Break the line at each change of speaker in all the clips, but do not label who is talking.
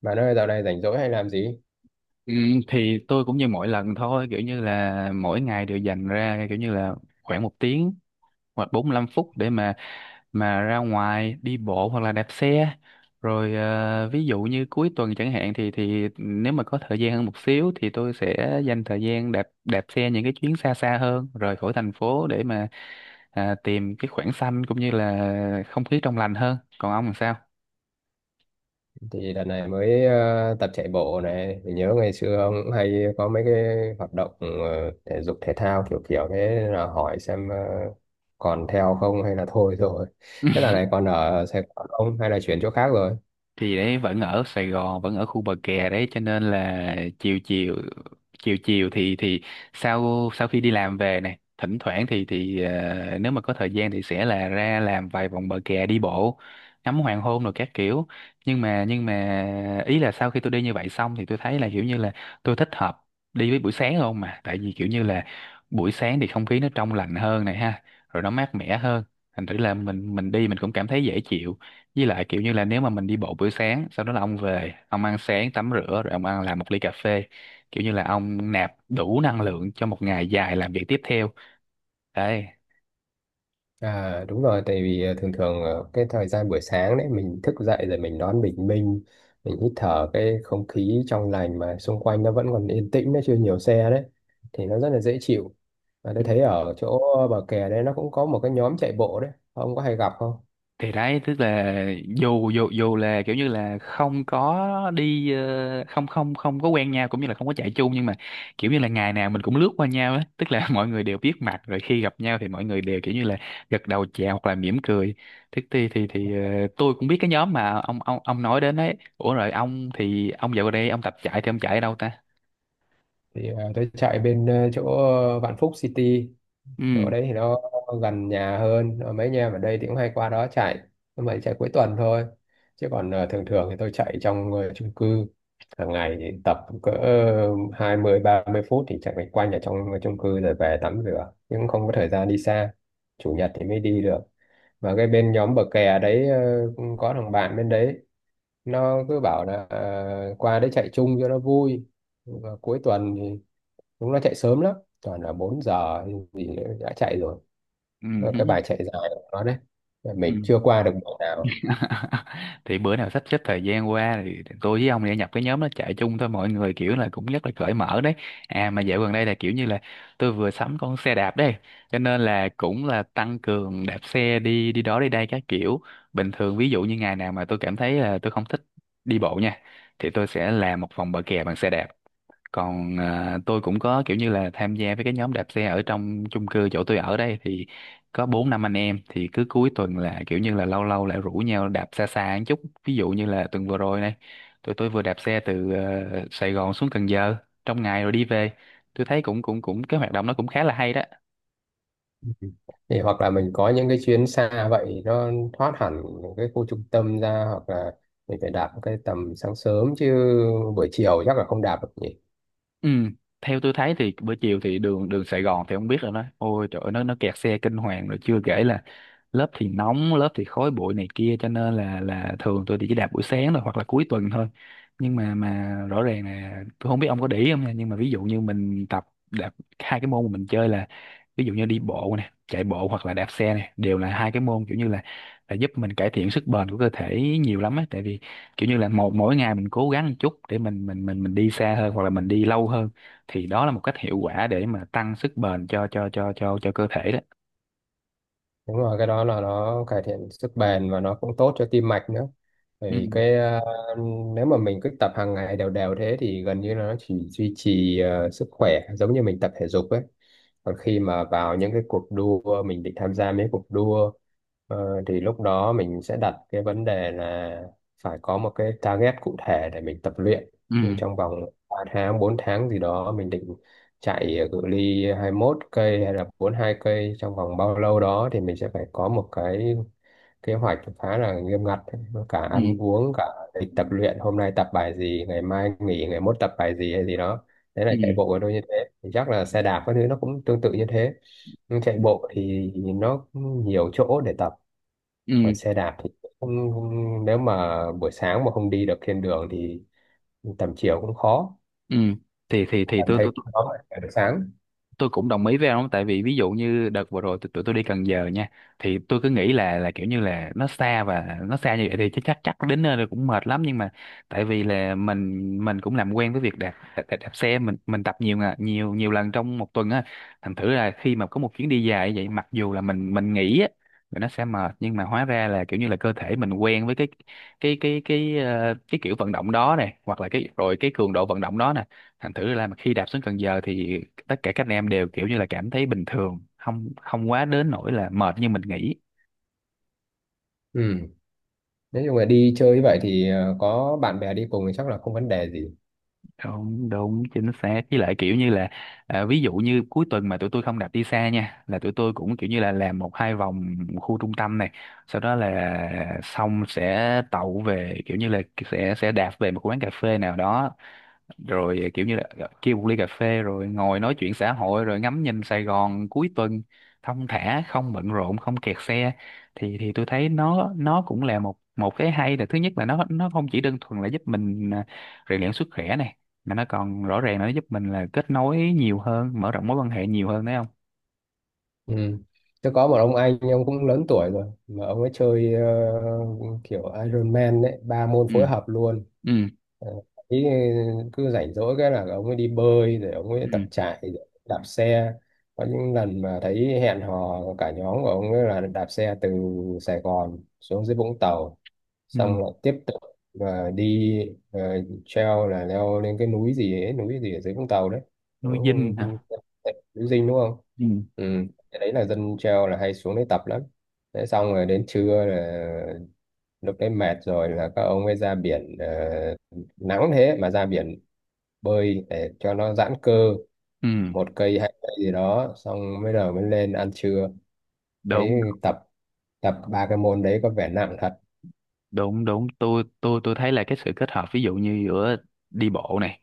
Bạn ơi, dạo này rảnh rỗi hay làm gì?
Ừ, thì tôi cũng như mỗi lần thôi kiểu như là mỗi ngày đều dành ra kiểu như là khoảng 1 tiếng hoặc 45 phút để mà ra ngoài đi bộ hoặc là đạp xe rồi ví dụ như cuối tuần chẳng hạn thì nếu mà có thời gian hơn một xíu thì tôi sẽ dành thời gian đạp đạp xe những cái chuyến xa xa hơn rời khỏi thành phố để mà tìm cái khoảng xanh cũng như là không khí trong lành hơn. Còn ông làm sao?
Thì đợt này mới tập chạy bộ này. Mình nhớ ngày xưa ông cũng hay có mấy cái hoạt động thể dục thể thao kiểu kiểu thế nên là hỏi xem còn theo không hay là thôi rồi. Thế dạo này còn ở Sài Gòn không hay là chuyển chỗ khác rồi?
Thì đấy, vẫn ở Sài Gòn, vẫn ở khu bờ kè đấy cho nên là chiều chiều chiều chiều thì sau sau khi đi làm về này, thỉnh thoảng thì nếu mà có thời gian thì sẽ là ra làm vài vòng bờ kè, đi bộ ngắm hoàng hôn rồi các kiểu. Nhưng mà ý là sau khi tôi đi như vậy xong thì tôi thấy là kiểu như là tôi thích hợp đi với buổi sáng không, mà tại vì kiểu như là buổi sáng thì không khí nó trong lành hơn này ha, rồi nó mát mẻ hơn, thành thử là mình đi mình cũng cảm thấy dễ chịu. Với lại kiểu như là nếu mà mình đi bộ buổi sáng, sau đó là ông về, ông ăn sáng, tắm rửa, rồi ông ăn làm một ly cà phê. Kiểu như là ông nạp đủ năng lượng cho một ngày dài làm việc tiếp theo. Đấy.
À, đúng rồi, tại vì thường thường cái thời gian buổi sáng đấy mình thức dậy rồi mình đón bình minh, mình hít thở cái không khí trong lành mà xung quanh nó vẫn còn yên tĩnh, nó chưa nhiều xe đấy, thì nó rất là dễ chịu. Và tôi thấy ở chỗ bờ kè đấy nó cũng có một cái nhóm chạy bộ đấy, ông có hay gặp không?
Thì đấy, tức là dù dù dù là kiểu như là không có không không không có quen nhau cũng như là không có chạy chung, nhưng mà kiểu như là ngày nào mình cũng lướt qua nhau á, tức là mọi người đều biết mặt rồi, khi gặp nhau thì mọi người đều kiểu như là gật đầu chào hoặc là mỉm cười. Thế tôi cũng biết cái nhóm mà ông nói đến ấy. Ủa rồi ông, thì ông dạo gần đây ông tập chạy thì ông chạy ở đâu ta?
Thì tôi chạy bên chỗ Vạn Phúc City, chỗ
Ừ,
đấy thì nó gần nhà hơn. Ờ, Mấy anh em ở đây thì cũng hay qua đó chạy, nhưng mà chạy cuối tuần thôi, chứ còn thường thường thì tôi chạy trong chung cư hàng ngày, thì tập cỡ hai mươi ba mươi phút thì chạy quanh quanh ở trong chung cư rồi về tắm rửa, nhưng cũng không có thời gian đi xa. Chủ nhật thì mới đi được. Và cái bên nhóm bờ kè đấy, cũng có thằng bạn bên đấy, nó cứ bảo là qua đấy chạy chung cho nó vui. Và cuối tuần thì chúng nó chạy sớm lắm, toàn là 4 giờ thì đã chạy rồi, và cái
ừ,
bài chạy dài của nó đấy
ừ.
mình chưa qua được mùa nào.
Thì bữa nào sắp xếp thời gian qua thì tôi với ông thì nhập cái nhóm nó chạy chung thôi, mọi người kiểu là cũng rất là cởi mở đấy. Mà dạo gần đây là kiểu như là tôi vừa sắm con xe đạp đấy cho nên là cũng là tăng cường đạp xe đi đi đó đi đây các kiểu. Bình thường ví dụ như ngày nào mà tôi cảm thấy là tôi không thích đi bộ nha thì tôi sẽ làm một vòng bờ kè bằng xe đạp. Còn tôi cũng có kiểu như là tham gia với cái nhóm đạp xe ở trong chung cư chỗ tôi ở đây, thì có bốn năm anh em thì cứ cuối tuần là kiểu như là lâu lâu lại rủ nhau đạp xa xa một chút. Ví dụ như là tuần vừa rồi này, tụi tôi vừa đạp xe từ Sài Gòn xuống Cần Giờ trong ngày rồi đi về. Tôi thấy cũng cũng cũng cái hoạt động nó cũng khá là hay đó.
Thì hoặc là mình có những cái chuyến xa vậy nó thoát hẳn cái khu trung tâm ra, hoặc là mình phải đạp cái tầm sáng sớm chứ buổi chiều chắc là không đạp được nhỉ.
Ừ, theo tôi thấy thì bữa chiều thì đường đường Sài Gòn thì không biết rồi đó, ôi trời ơi, nó kẹt xe kinh hoàng, rồi chưa kể là lớp thì nóng lớp thì khói bụi này kia, cho nên là thường tôi thì chỉ đạp buổi sáng thôi hoặc là cuối tuần thôi. Nhưng mà rõ ràng là tôi không biết ông có để ý không nha, nhưng mà ví dụ như mình tập đạp hai cái môn mà mình chơi là ví dụ như đi bộ nè, chạy bộ hoặc là đạp xe nè, đều là hai cái môn kiểu như là giúp mình cải thiện sức bền của cơ thể nhiều lắm á, tại vì kiểu như là một mỗi ngày mình cố gắng một chút để mình đi xa hơn hoặc là mình đi lâu hơn, thì đó là một cách hiệu quả để mà tăng sức bền cho cơ thể đó.
Đúng rồi, cái đó là nó cải thiện sức bền và nó cũng tốt cho tim mạch nữa. Bởi
Ừ,
vì cái nếu mà mình cứ tập hàng ngày đều đều thế thì gần như là nó chỉ duy trì sức khỏe giống như mình tập thể dục ấy. Còn khi mà vào những cái cuộc đua mình định tham gia mấy cuộc đua thì lúc đó mình sẽ đặt cái vấn đề là phải có một cái target cụ thể để mình tập luyện. Nhưng
ừ,
trong vòng 3 tháng, 4 tháng gì đó mình định chạy cự ly hai mốt cây hay là bốn hai cây trong vòng bao lâu đó thì mình sẽ phải có một cái kế hoạch khá là nghiêm ngặt, cả
ừ,
ăn uống, cả lịch tập luyện, hôm nay tập bài gì, ngày mai nghỉ, ngày mốt tập bài gì hay gì đó. Đấy là
ừ,
chạy bộ của tôi như thế, thì chắc là xe đạp các thứ nó cũng tương tự như thế. Nhưng chạy bộ thì nó nhiều chỗ để tập,
ừ,
còn xe đạp thì không, không- nếu mà buổi sáng mà không đi được trên đường thì tầm chiều cũng khó,
ừ. Thì
cảm
tôi tôi
thấy
tôi
khó mà chạy buổi sáng.
tôi cũng đồng ý với ông, tại vì ví dụ như đợt vừa rồi tụi tụi tôi đi Cần Giờ nha, thì tôi cứ nghĩ là kiểu như là nó xa, và nó xa như vậy thì chắc chắc chắc đến nơi rồi cũng mệt lắm, nhưng mà tại vì là mình cũng làm quen với việc đạp xe, mình tập nhiều ngà- nhiều nhiều lần trong một tuần á, thành thử là khi mà có một chuyến đi dài như vậy, mặc dù là mình nghĩ á là nó sẽ mệt, nhưng mà hóa ra là kiểu như là cơ thể mình quen với cái kiểu vận động đó này, hoặc là cái rồi cái cường độ vận động đó nè, thành thử ra mà khi đạp xuống Cần Giờ thì tất cả các anh em đều kiểu như là cảm thấy bình thường, không không quá đến nỗi là mệt như mình nghĩ.
Ừ. Nếu như mà đi chơi như vậy thì có bạn bè đi cùng thì chắc là không vấn đề gì.
Đúng, đúng, chính xác. Với lại kiểu như là ví dụ như cuối tuần mà tụi tôi không đạp đi xa nha, là tụi tôi cũng kiểu như là làm một hai vòng khu trung tâm này, sau đó là xong sẽ tậu về, kiểu như là sẽ đạp về một quán cà phê nào đó, rồi kiểu như là kêu một ly cà phê, rồi ngồi nói chuyện xã hội, rồi ngắm nhìn Sài Gòn cuối tuần thong thả, không bận rộn, không kẹt xe. Thì tôi thấy nó cũng là một một cái hay, là thứ nhất là nó không chỉ đơn thuần là giúp mình rèn luyện sức khỏe này, mà nó còn rõ ràng là nó giúp mình là kết nối nhiều hơn, mở rộng mối quan hệ nhiều hơn đấy không?
Ừ. Tôi có một ông anh, ông cũng lớn tuổi rồi, mà ông ấy chơi kiểu Iron Man đấy, ba môn
Ừ,
phối hợp luôn.
ừ,
Ờ, ý cứ rảnh rỗi cái là ông ấy đi bơi rồi ông ấy
ừ,
tập chạy rồi đạp xe, có những lần mà thấy hẹn hò cả nhóm của ông ấy là đạp xe từ Sài Gòn xuống dưới Vũng Tàu,
ừ.
xong lại tiếp tục và đi ờ, treo là leo lên cái núi gì ấy, núi gì ở dưới Vũng Tàu đấy. Cũng
Nuôi
không,
dinh
không,
hả?
núi Dinh đúng không.
Ừ,
Ừ. Cái đấy là dân treo là hay xuống đấy tập lắm. Thế xong rồi đến trưa là lúc đấy mệt rồi là các ông ấy ra biển, nắng thế mà ra biển bơi để cho nó giãn cơ,
ừ.
một cây hai cây gì đó xong mới đầu mới lên ăn trưa. Thấy
Đúng,
tập, tập ba cái môn đấy có vẻ nặng thật.
đúng, đúng, tôi thấy là cái sự kết hợp ví dụ như giữa đi bộ này,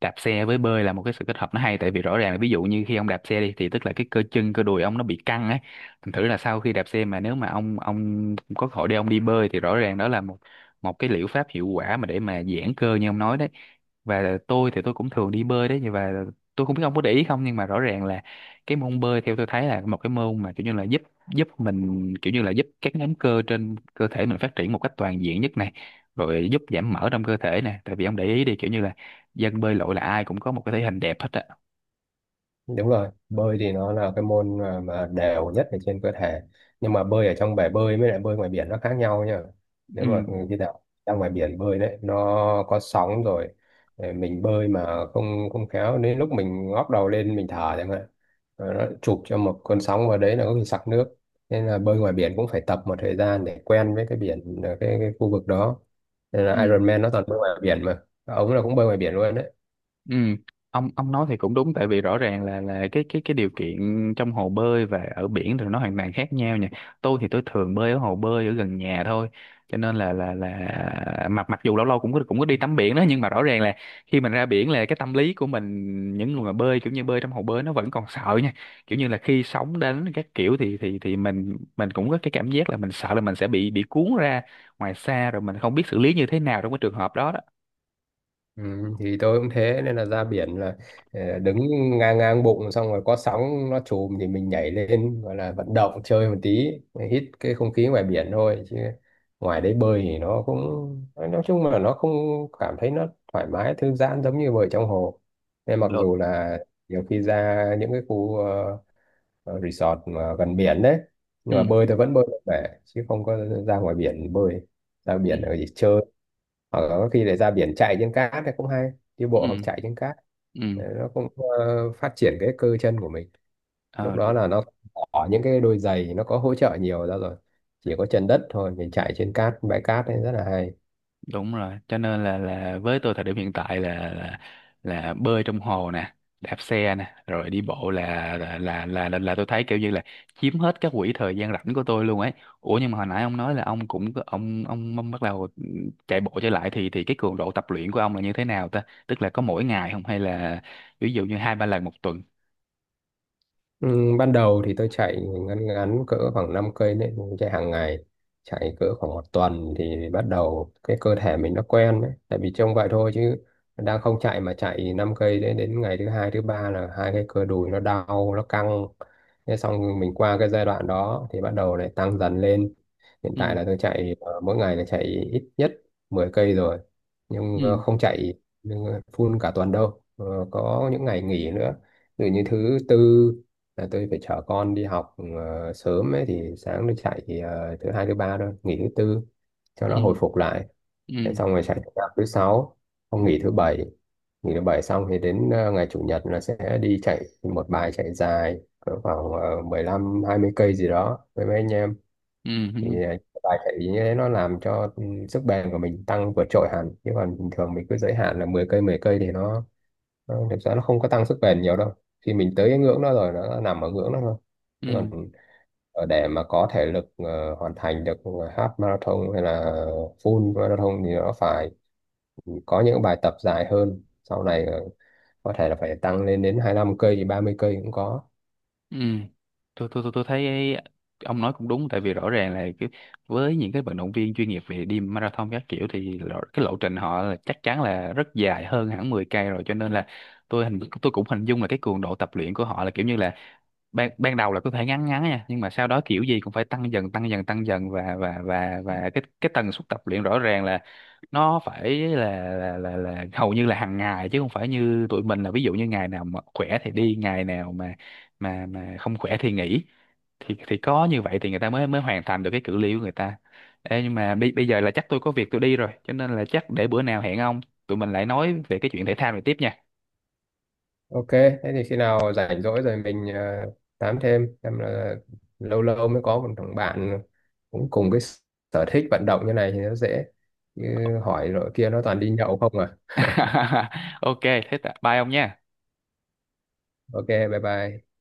đạp xe với bơi là một cái sự kết hợp nó hay, tại vì rõ ràng là ví dụ như khi ông đạp xe đi thì tức là cái cơ chân cơ đùi ông nó bị căng ấy, thành thử là sau khi đạp xe mà nếu mà ông có cơ hội để ông đi bơi thì rõ ràng đó là một một cái liệu pháp hiệu quả mà để mà giãn cơ như ông nói đấy. Và tôi thì tôi cũng thường đi bơi đấy, và tôi không biết ông có để ý không, nhưng mà rõ ràng là cái môn bơi theo tôi thấy là một cái môn mà kiểu như là giúp giúp mình, kiểu như là giúp các nhóm cơ trên cơ thể mình phát triển một cách toàn diện nhất này, rồi giúp giảm mỡ trong cơ thể nè, tại vì ông để ý đi kiểu như là dân bơi lội là ai cũng có một cái thể hình đẹp hết á.
Đúng rồi, bơi thì nó là cái môn mà đều nhất ở trên cơ thể, nhưng mà bơi ở trong bể bơi với lại bơi ngoài biển nó khác nhau nhá. Nếu
Ừ,
mà khi nào ra ngoài biển bơi đấy, nó có sóng rồi, để mình bơi mà không không khéo đến lúc mình ngóc đầu lên mình thở chẳng hạn, rồi nó chụp cho một cơn sóng vào đấy là có khi sặc nước, nên là bơi ngoài biển cũng phải tập một thời gian để quen với cái biển, cái khu vực đó. Nên
ừ.
là Ironman nó toàn bơi ngoài biển mà, ông là cũng bơi ngoài biển luôn đấy.
Ừ, ông nói thì cũng đúng, tại vì rõ ràng là cái điều kiện trong hồ bơi và ở biển thì nó hoàn toàn khác nhau nha. Tôi thì tôi thường bơi ở hồ bơi ở gần nhà thôi. Cho nên là mặc mặc dù lâu lâu cũng có đi tắm biển đó, nhưng mà rõ ràng là khi mình ra biển là cái tâm lý của mình, những người mà bơi kiểu như bơi trong hồ bơi, nó vẫn còn sợ nha. Kiểu như là khi sóng đến các kiểu thì mình cũng có cái cảm giác là mình sợ là mình sẽ bị cuốn ra ngoài xa rồi mình không biết xử lý như thế nào trong cái trường hợp đó đó.
Ừ, thì tôi cũng thế, nên là ra biển là đứng ngang ngang bụng xong rồi có sóng nó chùm thì mình nhảy lên gọi là vận động chơi một tí, hít cái không khí ngoài biển thôi, chứ ngoài đấy bơi thì nó cũng, nói chung là nó không cảm thấy nó thoải mái thư giãn giống như bơi trong hồ. Nên mặc
Được.
dù là nhiều khi ra những cái khu resort mà gần biển đấy, nhưng mà
Ừ.
bơi tôi vẫn bơi được bể, chứ không có ra ngoài biển bơi, ra
Ừ.
biển ở chỉ chơi, hoặc là có khi để ra biển chạy trên cát thì cũng hay, đi
Ừ.
bộ hoặc chạy trên cát.
Ừ,
Đấy, nó cũng phát triển cái cơ chân của mình, lúc
ờ,
đó
đúng
là nó bỏ những cái đôi giày nó có hỗ trợ nhiều ra rồi, chỉ có chân đất thôi, mình chạy trên cát bãi cát ấy rất là hay.
đúng rồi. Cho nên là với tôi thời điểm hiện tại là bơi trong hồ nè, đạp xe nè, rồi đi bộ là tôi thấy kiểu như là chiếm hết các quỹ thời gian rảnh của tôi luôn ấy. Ủa nhưng mà hồi nãy ông nói là ông cũng ông bắt đầu chạy bộ trở lại, thì cái cường độ tập luyện của ông là như thế nào ta? Tức là có mỗi ngày không, hay là ví dụ như hai ba lần một tuần?
Ừ, ban đầu thì tôi chạy ngắn ngắn cỡ khoảng 5 cây đấy, mình chạy hàng ngày, chạy cỡ khoảng một tuần thì bắt đầu cái cơ thể mình nó quen đấy, tại vì trông vậy thôi chứ đang không chạy mà chạy 5 cây đấy đến ngày thứ hai thứ ba là hai cái cơ đùi nó đau nó căng, thế xong mình qua cái giai đoạn đó thì bắt đầu lại tăng dần lên, hiện
Ừ,
tại là tôi chạy mỗi ngày là chạy ít nhất 10 cây rồi, nhưng
ừ,
không chạy full cả tuần đâu, ờ, có những ngày nghỉ nữa. Ví dụ như thứ tư là tôi phải chở con đi học sớm ấy thì sáng nó chạy thì, thứ hai thứ ba thôi nghỉ thứ tư cho nó hồi
ừ,
phục lại, thế
ừ,
xong rồi chạy tập thứ sáu, không nghỉ thứ bảy, nghỉ thứ bảy xong thì đến ngày chủ nhật là sẽ đi chạy một bài chạy dài cỡ khoảng 20 cây gì đó với mấy anh em.
ừ,
Thì
ừ,
bài chạy như thế nó làm cho sức bền của mình tăng vượt trội hẳn, chứ còn bình thường mình cứ giới hạn là 10 cây thì thực ra nó không có tăng sức bền nhiều đâu, khi mình tới cái ngưỡng đó rồi nó nằm ở ngưỡng đó thôi.
ừ.
Còn ở để mà có thể lực hoàn thành được half marathon hay là full marathon thì nó phải có những bài tập dài hơn, sau này có thể là phải tăng lên đến 25 cây 30 cây cũng có.
Ừ. Tôi thấy ông nói cũng đúng, tại vì rõ ràng là cái, với những cái vận động viên chuyên nghiệp về đi marathon các kiểu thì cái lộ trình họ là chắc chắn là rất dài hơn hẳn 10 cây rồi, cho nên là tôi cũng hình dung là cái cường độ tập luyện của họ là kiểu như là ban ban đầu là có thể ngắn ngắn nha, nhưng mà sau đó kiểu gì cũng phải tăng dần tăng dần tăng dần, và cái tần suất tập luyện rõ ràng là nó phải là hầu như là hàng ngày, chứ không phải như tụi mình là ví dụ như ngày nào mà khỏe thì đi, ngày nào mà không khỏe thì nghỉ, thì có như vậy thì người ta mới mới hoàn thành được cái cự ly của người ta. Ê, nhưng mà bây bây giờ là chắc tôi có việc tôi đi rồi, cho nên là chắc để bữa nào hẹn ông, tụi mình lại nói về cái chuyện thể thao này tiếp nha.
Ok thế thì khi nào rảnh rỗi rồi mình tám thêm, em là lâu lâu mới có một thằng bạn cũng cùng cái sở thích vận động như này thì nó dễ. Như hỏi rồi kia nó toàn đi nhậu không à.
Ok, thế bye ông nha.
Ok bye bye.